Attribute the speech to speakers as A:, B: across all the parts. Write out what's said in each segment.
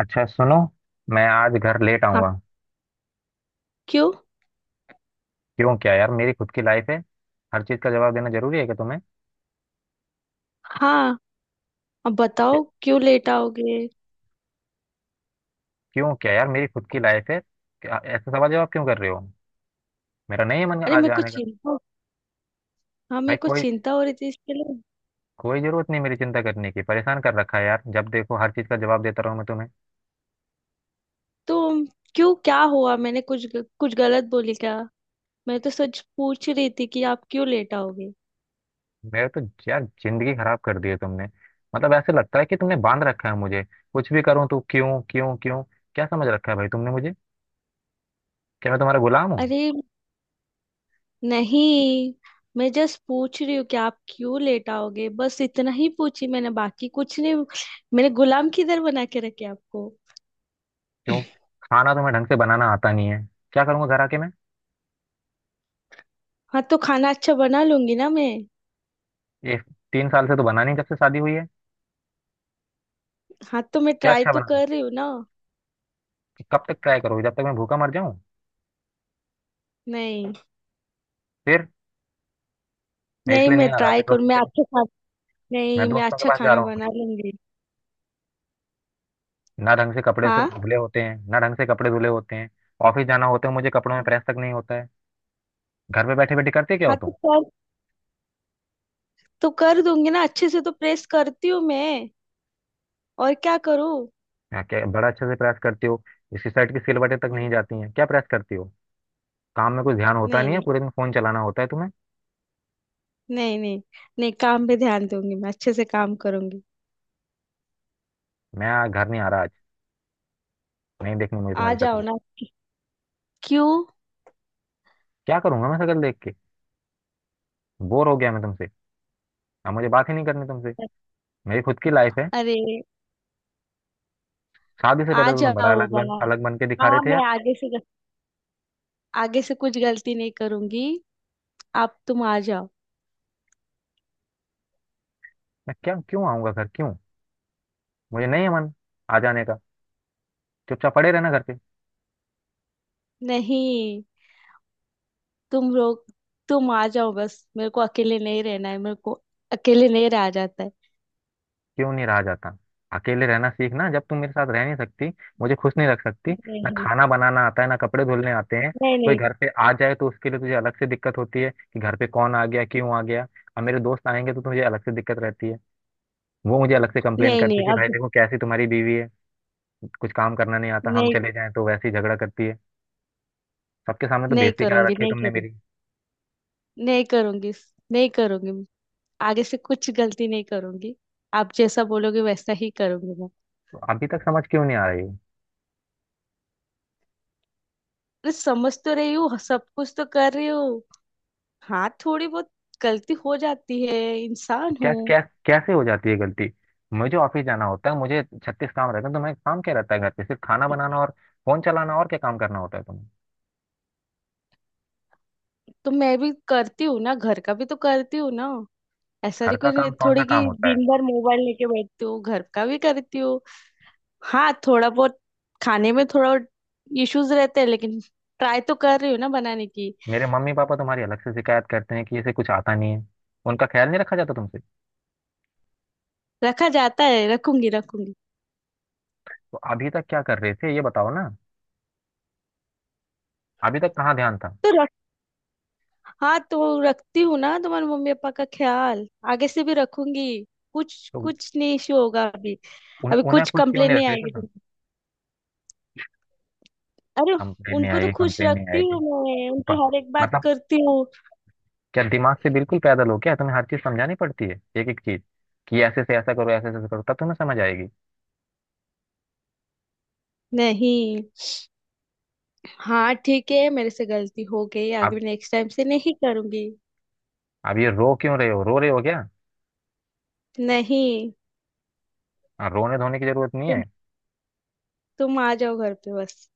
A: अच्छा सुनो। मैं आज घर लेट
B: हाँ।
A: आऊंगा।
B: क्यों?
A: क्यों क्या यार, मेरी खुद की लाइफ है। हर चीज का जवाब देना जरूरी है क्या तुम्हें?
B: हाँ। अब
A: क्या-
B: बताओ क्यों लेट आओगे?
A: क्यों क्या यार, मेरी खुद की लाइफ है। क्या ऐसा सवाल जवाब क्यों कर रहे हो? मेरा नहीं है मन
B: अरे
A: आज
B: मेरे को
A: आने का।
B: चिंता। हाँ
A: भाई
B: मेरे को
A: कोई
B: चिंता हो रही थी इसके लिए।
A: कोई जरूरत नहीं मेरी चिंता करने की। परेशान कर रखा है यार, जब देखो हर चीज का जवाब देता रहो मैं तुम्हें।
B: तो क्यों क्या हुआ? मैंने कुछ गलत बोली क्या? मैं तो सच पूछ रही थी कि आप क्यों लेट आओगे।
A: मेरे तो यार, जिंदगी खराब कर दी है तुमने। मतलब ऐसे लगता है कि तुमने बांध रखा है मुझे। कुछ भी करूं तो क्यों क्यों क्यों। क्या समझ रखा है भाई तुमने मुझे? क्या मैं तुम्हारा गुलाम हूँ?
B: अरे नहीं, मैं जस्ट पूछ रही हूँ कि आप क्यों लेट आओगे, बस इतना ही पूछी मैंने, बाकी कुछ नहीं। मैंने गुलाम किधर बना के रखे आपको?
A: क्यों, खाना तुम्हें ढंग से बनाना आता नहीं है। क्या करूंगा घर आके मैं?
B: हाँ तो खाना अच्छा बना लूंगी ना मैं।
A: ये तीन साल से तो बना नहीं जब से शादी हुई है।
B: हाँ तो मैं
A: क्या
B: ट्राई
A: अच्छा
B: तो
A: बना था?
B: कर रही हूँ ना।
A: तो कब तक ट्राई करोगे, जब तक मैं भूखा मर जाऊं?
B: नहीं
A: फिर मैं
B: नहीं
A: इसलिए
B: मैं
A: नहीं आ रहा अपने
B: ट्राई करूँ मैं
A: दोस्तों के।
B: अच्छा खा
A: मैं
B: नहीं मैं
A: दोस्तों के
B: अच्छा
A: पास जा
B: खाना
A: रहा हूँ
B: बना
A: अपने।
B: लूंगी।
A: ना ढंग से कपड़े
B: हाँ
A: धुले होते हैं, ना ढंग से कपड़े धुले होते हैं। ऑफिस जाना होता है मुझे, कपड़ों में प्रेस तक नहीं होता है। घर पे बैठे बैठे करते क्या हो
B: हाँ
A: तुम?
B: तो कर दूंगी ना, अच्छे से तो प्रेस करती हूँ मैं। और क्या करूँ?
A: हाँ, क्या बड़ा अच्छे से प्रेस करती हो। इसकी शर्ट की सिलवटें तक नहीं
B: हम्म,
A: जाती हैं, क्या प्रेस करती हो। काम में कुछ ध्यान होता
B: नहीं
A: नहीं है,
B: नहीं
A: पूरे दिन फोन चलाना होता है तुम्हें।
B: नहीं नहीं नहीं, काम पे ध्यान दूंगी मैं, अच्छे से काम करूंगी।
A: मैं आज घर नहीं आ रहा आज, नहीं देखनी मुझे
B: आ
A: तुम्हारी
B: जाओ
A: शक्ल।
B: ना। क्यों?
A: क्या करूंगा मैं शक्ल देख के? बोर हो गया मैं तुमसे। अब मुझे बात ही नहीं करनी तुमसे। मेरी खुद की लाइफ है।
B: अरे
A: शादी से
B: आ
A: पहले तो तुम बड़ा
B: जाओ बाबा।
A: अलग बन के दिखा रहे
B: हाँ
A: थे यार।
B: मैं आगे से, आगे से कुछ गलती नहीं करूंगी। आप तुम आ जाओ।
A: मैं क्या, क्यों आऊंगा घर, क्यों? मुझे नहीं है मन आ जाने का। चुपचाप पड़े रहना घर पे।
B: नहीं, तुम लोग तुम आ जाओ बस, मेरे को अकेले नहीं रहना है, मेरे को अकेले नहीं रहा जाता है।
A: क्यों नहीं रहा जाता? अकेले रहना सीखना, जब तुम मेरे साथ रह नहीं सकती, मुझे खुश नहीं रख सकती। ना
B: नहीं
A: खाना बनाना आता है, ना कपड़े धुलने आते हैं।
B: नहीं
A: कोई
B: नहीं
A: घर पे आ जाए तो उसके लिए तुझे अलग से दिक्कत होती है कि घर पे कौन आ गया, क्यों आ गया। अब मेरे दोस्त आएंगे तो तुझे अलग से दिक्कत रहती है। वो मुझे अलग से कंप्लेन
B: नहीं
A: करते हैं
B: नहीं,
A: कि भाई
B: अब
A: देखो कैसी तुम्हारी बीवी है। कुछ काम करना नहीं आता, हम
B: नहीं
A: चले जाएं तो वैसे ही झगड़ा करती है। सबके सामने तो
B: नहीं
A: बेइज्जती करा
B: करूंगी,
A: रखी है
B: नहीं
A: तुमने
B: करूंगी
A: मेरी।
B: नहीं करूंगी नहीं करूंगी। आगे से कुछ गलती नहीं करूंगी। आप जैसा बोलोगे वैसा ही करूंगी मैं।
A: अभी तक समझ क्यों नहीं आ रही है?
B: अरे समझ तो रही हूँ, सब कुछ तो कर रही हूँ। हाँ थोड़ी बहुत गलती हो जाती है, इंसान
A: क्या
B: हूँ।
A: क्या, कैसे हो जाती है गलती? मुझे ऑफिस जाना होता है, मुझे छत्तीस काम रहते हैं। तो मैं, काम क्या रहता है घर पे? सिर्फ खाना बनाना और फोन चलाना, और क्या काम करना होता है तुम्हें?
B: तो मैं भी करती हूँ ना, घर का भी तो करती हूँ ना। ऐसा
A: घर
B: नहीं,
A: का
B: कोई नहीं-
A: काम कौन सा
B: थोड़ी कि
A: काम होता है?
B: दिन भर मोबाइल लेके बैठती हूँ, घर का भी करती हूँ। हाँ थोड़ा बहुत, खाने में थोड़ा इश्यूज रहते हैं, लेकिन ट्राई तो कर रही हूँ ना बनाने की।
A: मेरे मम्मी पापा तुम्हारी अलग से शिकायत करते हैं कि इसे कुछ आता नहीं है, उनका ख्याल नहीं रखा जाता तुमसे।
B: रखा जाता है, रखूंगी रखूंगी।
A: तो अभी तक क्या कर रहे थे ये बताओ ना। अभी तक कहाँ ध्यान था?
B: तो रख हाँ तो रखती हूँ ना तुम्हारे मम्मी पापा का ख्याल, आगे से भी रखूंगी। कुछ
A: तो
B: कुछ नहीं इश्यू होगा अभी। अभी
A: उन्हें
B: कुछ
A: कुछ क्यों
B: कंप्लेन
A: नहीं रख
B: नहीं
A: रहे थे
B: आएगी
A: तुम?
B: तुमको। अरे
A: कंप्लेन नहीं
B: उनको तो
A: आएगी,
B: खुश
A: कंप्लेन नहीं
B: रखती
A: आएगी।
B: हूँ मैं, उनकी
A: प-
B: हर एक बात
A: मतलब
B: करती हूँ।
A: क्या दिमाग से बिल्कुल पैदल हो क्या? तुम्हें हर चीज समझानी पड़ती है, एक एक चीज कि ऐसे से ऐसा करो, ऐसे से ऐसा करो, तब तुम्हें समझ आएगी।
B: नहीं, हाँ ठीक है, मेरे से गलती हो गई,
A: आप
B: आगे नेक्स्ट टाइम से नहीं करूंगी।
A: आप ये रो क्यों रहे हो, रो रहे हो क्या?
B: नहीं,
A: हाँ, रोने धोने की जरूरत नहीं
B: तुम
A: है।
B: तुम आ जाओ घर पे बस।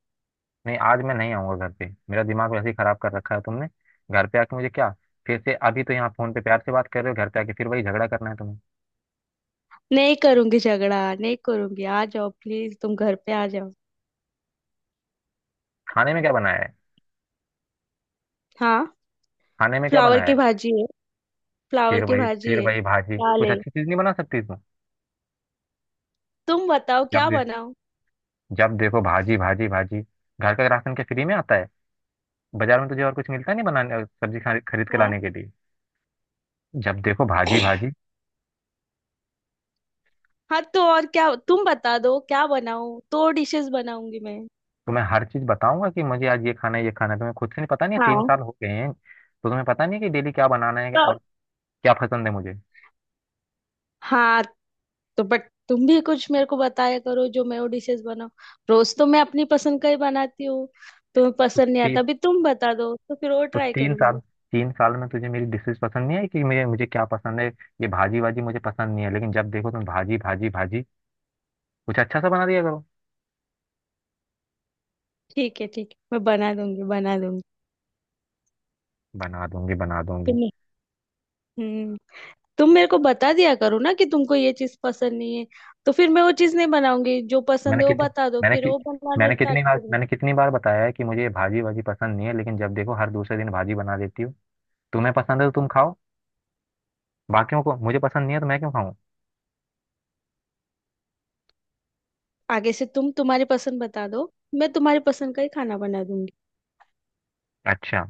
A: नहीं आज मैं नहीं आऊंगा घर पे, मेरा दिमाग वैसे ही खराब कर रखा है तुमने। घर पे आके मुझे क्या? फिर से अभी तो यहाँ फोन पे प्यार से बात कर रहे हो, घर पे आके फिर वही झगड़ा करना है तुम्हें।
B: नहीं करूंगी झगड़ा नहीं करूंगी, आ जाओ प्लीज तुम घर पे आ जाओ।
A: खाने में क्या बनाया है?
B: हाँ।
A: खाने में क्या
B: फ्लावर
A: बनाया है?
B: की भाजी है। फ्लावर की भाजी
A: फिर
B: है।
A: वही भाजी,
B: दाल
A: कुछ
B: है,
A: अच्छी चीज नहीं बना सकती तुम?
B: तुम बताओ
A: जब
B: क्या
A: दे,
B: बनाऊं।
A: जब देखो भाजी भाजी भाजी। घर का राशन क्या फ्री में आता है? बाजार में तुझे और कुछ मिलता नहीं बनाने, सब्जी खरीद के
B: हाँ,
A: लाने के लिए? जब देखो भाजी भाजी।
B: हाँ तो और क्या तुम बता दो क्या बनाऊं, दो डिशेस बनाऊंगी मैं।
A: तो मैं हर चीज बताऊंगा कि मुझे आज ये खाना है, ये खाना है, तुम्हें खुद से नहीं पता? नहीं है, तीन
B: हाँ
A: साल हो गए हैं तो तुम्हें पता नहीं है कि डेली क्या बनाना है
B: तो,
A: और क्या पसंद है मुझे।
B: हाँ तो बट तुम भी कुछ मेरे को बताया करो जो मैं वो डिशेस बनाऊं। रोज तो मैं अपनी पसंद का ही बनाती हूँ। तुम्हें पसंद नहीं
A: ती,
B: आता, अभी तुम बता दो तो फिर वो
A: तो
B: ट्राई
A: 3 साल,
B: करूंगी।
A: 3 साल में तुझे मेरी डिशेज पसंद नहीं है कि मुझे, मुझे क्या पसंद है? ये भाजी वाजी मुझे पसंद नहीं है, लेकिन जब देखो तुम भाजी भाजी भाजी। कुछ अच्छा सा बना दिया करो।
B: ठीक है ठीक है, मैं बना दूंगी बना दूंगी।
A: बना दूंगी बना दूंगी।
B: तुम हम्म तुम मेरे को बता दिया करो ना कि तुमको ये चीज पसंद नहीं है, तो फिर मैं वो चीज नहीं बनाऊंगी, जो पसंद
A: मैंने
B: है वो
A: कितने
B: बता दो
A: मैंने
B: फिर
A: कि,
B: वो बनाना
A: मैंने
B: स्टार्ट
A: कितनी बार
B: करूंगी।
A: मैंने कितनी बार बताया है कि मुझे ये भाजी वाजी पसंद नहीं है, लेकिन जब देखो हर दूसरे दिन भाजी बना देती हो। तुम्हें पसंद है तो तुम खाओ। बाकियों को, मुझे पसंद नहीं है तो मैं क्यों खाऊं?
B: आगे से तुम तुम्हारी पसंद बता दो, मैं तुम्हारी पसंद का ही खाना बना दूंगी।
A: अच्छा,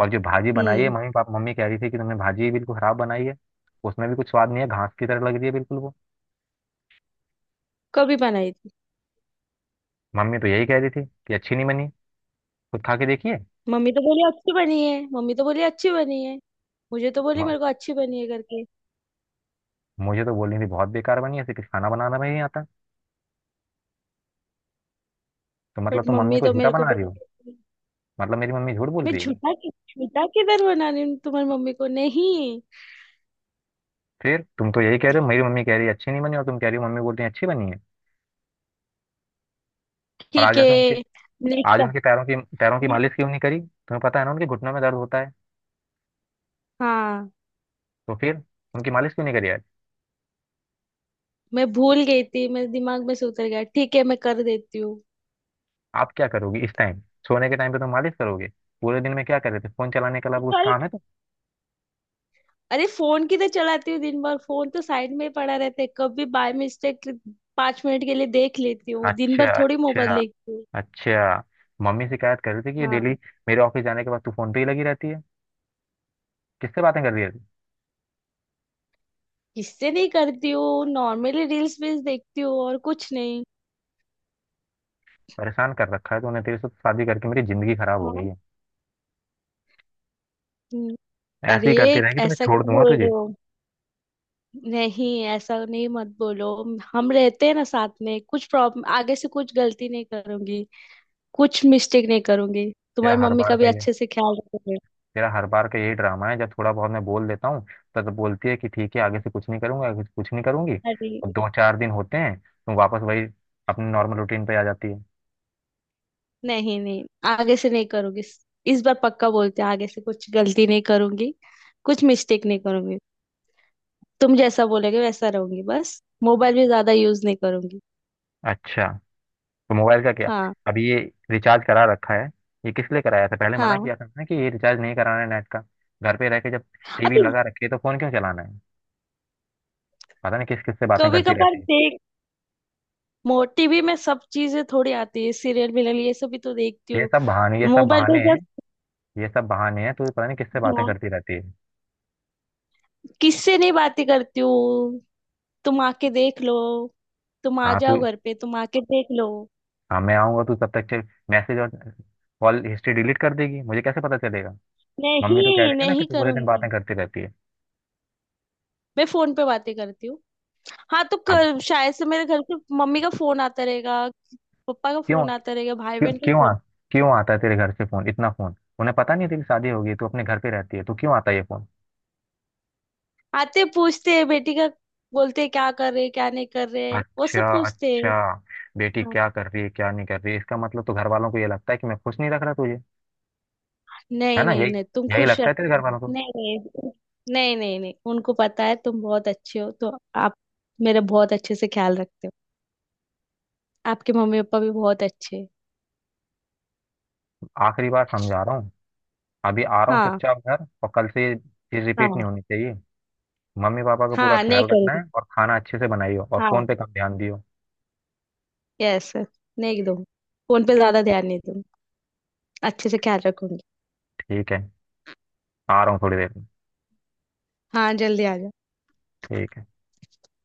A: और जो भाजी बनाई है,
B: हम्म
A: मम्मी कह रही थी कि तुमने भाजी बिल्कुल खराब बनाई है। उसमें भी कुछ स्वाद नहीं है, घास की तरह लग रही है बिल्कुल वो।
B: कभी बनाई।
A: मम्मी तो यही कह रही थी कि अच्छी नहीं बनी, खुद खा के देखिए।
B: मम्मी तो बोली अच्छी बनी है। मम्मी तो बोली अच्छी बनी है। मुझे तो बोली,
A: म-
B: मेरे को अच्छी बनी है करके।
A: मुझे तो बोल रही थी बहुत बेकार बनी है, ऐसे कुछ खाना बनाना भी नहीं आता। तो मतलब
B: बट
A: तुम मम्मी
B: मम्मी
A: को
B: तो
A: झूठा
B: मेरे को
A: बना रही हो?
B: बोली।
A: मतलब मेरी मम्मी झूठ बोल
B: मैं
A: रही है?
B: झूठा किधर बना रही हूँ तुम्हारी मम्मी को? नहीं।
A: फिर तुम तो यही कह रहे हो, मेरी मम्मी कह रही है अच्छी नहीं बनी और तुम कह रही हो मम्मी बोल रही है अच्छी बनी है। पर आज
B: ठीक
A: ऐसे उनके
B: है।
A: आज
B: नेक्स्ट।
A: उनके पैरों की मालिश क्यों नहीं करी? तुम्हें पता है ना उनके घुटनों में दर्द होता है।
B: हाँ
A: तो फिर उनकी मालिश क्यों नहीं करी आज?
B: मैं भूल गई थी, मेरे दिमाग में से उतर गया, ठीक है मैं कर देती हूँ।
A: आप क्या करोगी इस टाइम? सोने के टाइम पे तो मालिश करोगे? पूरे दिन में क्या कर रहे थे, फोन चलाने के
B: तो
A: अलावा कुछ
B: कल
A: काम है तो।
B: अरे फोन किधर चलाती हूँ दिन भर? फोन तो साइड में ही पड़ा रहता है, कभी बाय मिस्टेक पांच मिनट के लिए देख लेती हूँ, दिन भर
A: अच्छा
B: थोड़ी मोबाइल
A: अच्छा।
B: देखती हूँ।
A: अच्छा, मम्मी शिकायत कर रही थी कि ये डेली
B: हाँ।
A: मेरे ऑफिस जाने के बाद तू फोन पे ही लगी रहती है। किससे बातें कर रही है तू?
B: किससे नहीं करती हूँ, नॉर्मली रील्स वील्स देखती हूँ और कुछ नहीं।
A: परेशान कर रखा है तूने, तेरे से तो शादी करके मेरी जिंदगी खराब हो गई
B: हाँ।
A: है।
B: हम्म,
A: ऐसे
B: अरे
A: ही करती रहेगी तो मैं
B: ऐसा
A: छोड़
B: क्यों
A: दूंगा
B: बोल
A: तुझे।
B: रहे हो? नहीं ऐसा नहीं मत बोलो। हम रहते हैं ना साथ में, कुछ प्रॉब्लम, आगे से कुछ गलती नहीं करूंगी, कुछ मिस्टेक नहीं करूंगी।
A: तेरा
B: तुम्हारी
A: हर
B: मम्मी
A: बार
B: का
A: का
B: भी
A: ये
B: अच्छे से ख्याल रखोगे।
A: तेरा हर बार का यही ड्रामा है, जब थोड़ा बहुत मैं बोल देता हूँ तब तो बोलती है कि ठीक है, आगे से कुछ नहीं करूंगा, आगे से कुछ नहीं करूंगी।
B: अरे
A: और दो चार दिन होते हैं तुम वापस वही अपने नॉर्मल रूटीन पे आ जाती है।
B: नहीं नहीं, आगे से नहीं करूंगी, इस बार पक्का बोलते हैं, आगे से कुछ गलती नहीं करूंगी, कुछ मिस्टेक नहीं करूंगी। तुम जैसा बोलोगे वैसा रहूंगी, बस मोबाइल भी ज्यादा यूज नहीं करूंगी।
A: अच्छा, तो मोबाइल का क्या?
B: हाँ।
A: अभी ये रिचार्ज करा रखा है, ये किस लिए कराया था? पहले मना
B: हाँ।
A: किया था ना कि ये रिचार्ज नहीं कराना है नेट का। घर पे रह के, जब टीवी
B: अभी
A: लगा रखी है तो फोन क्यों चलाना है? पता नहीं किस किस से बातें
B: कभी
A: करती
B: कभार
A: रहती है।
B: देख मोटी भी मैं, सब चीजें थोड़ी आती है, सीरियल मिलन ये सब भी तो देखती हूँ।
A: ये सब
B: मोबाइल पे
A: बहाने
B: जब
A: हैं, ये सब बहाने हैं। तू पता नहीं किससे बातें
B: हाँ,
A: करती रहती है।
B: किससे नहीं बातें करती हूँ, तुम आके देख लो, तुम आ
A: हाँ तू
B: जाओ घर पे, तुम आके देख लो।
A: हाँ, मैं आऊंगा, तू तब तक मैसेज और कॉल हिस्ट्री डिलीट कर देगी, मुझे कैसे पता चलेगा? मम्मी तो कह
B: नहीं
A: रही थी ना कि
B: नहीं
A: तू पूरे दिन
B: करूंगी।
A: बातें करती रहती है।
B: मैं फोन पे बातें करती हूँ। हाँ तो
A: अब
B: कर, शायद से मेरे घर से मम्मी का फोन आता रहेगा, पापा का
A: क्यों,
B: फोन आता रहेगा, भाई
A: क्यों
B: बहन का
A: क्यों आ,
B: फोन
A: क्यों आता है तेरे घर से फोन इतना? फोन उन्हें, पता नहीं है, तेरी शादी होगी, तू अपने घर पे रहती है, तू क्यों आता है ये फोन?
B: आते, पूछते हैं बेटी का, बोलते हैं क्या कर रहे क्या नहीं कर रहे, वो
A: अच्छा
B: सब पूछते
A: अच्छा।
B: हैं।
A: बेटी
B: हाँ।
A: क्या कर रही है, क्या नहीं कर रही है, इसका मतलब तो घर वालों को ये लगता है कि मैं खुश नहीं रख रहा तुझे। है
B: नहीं
A: ना?
B: नहीं
A: यही
B: नहीं, तुम
A: यही
B: खुश
A: लगता है तेरे
B: रखते
A: घर
B: हो।
A: वालों को।
B: नहीं नहीं नहीं नहीं नहीं, उनको पता है तुम बहुत अच्छे हो, तो आप मेरा बहुत अच्छे से ख्याल रखते हो, आपके मम्मी पापा भी बहुत अच्छे हैं।
A: आखिरी बार समझा रहा हूँ, अभी आ रहा हूँ
B: हाँ।
A: चुपचाप घर, और कल से ये चीज रिपीट
B: हाँ।
A: नहीं होनी चाहिए। मम्मी पापा का पूरा
B: हाँ नहीं
A: ख्याल रखना
B: करूंगी।
A: है और खाना अच्छे से बनाइयो और फोन पे
B: हाँ।
A: कम ध्यान दियो।
B: यस। नहीं दूंगी, फोन पे ज्यादा ध्यान नहीं दूंगी, अच्छे से ख्याल रखूंगी।
A: ठीक है, आ रहा हूँ थोड़ी देर में।
B: हाँ जल्दी आ जाओ।
A: ठीक है।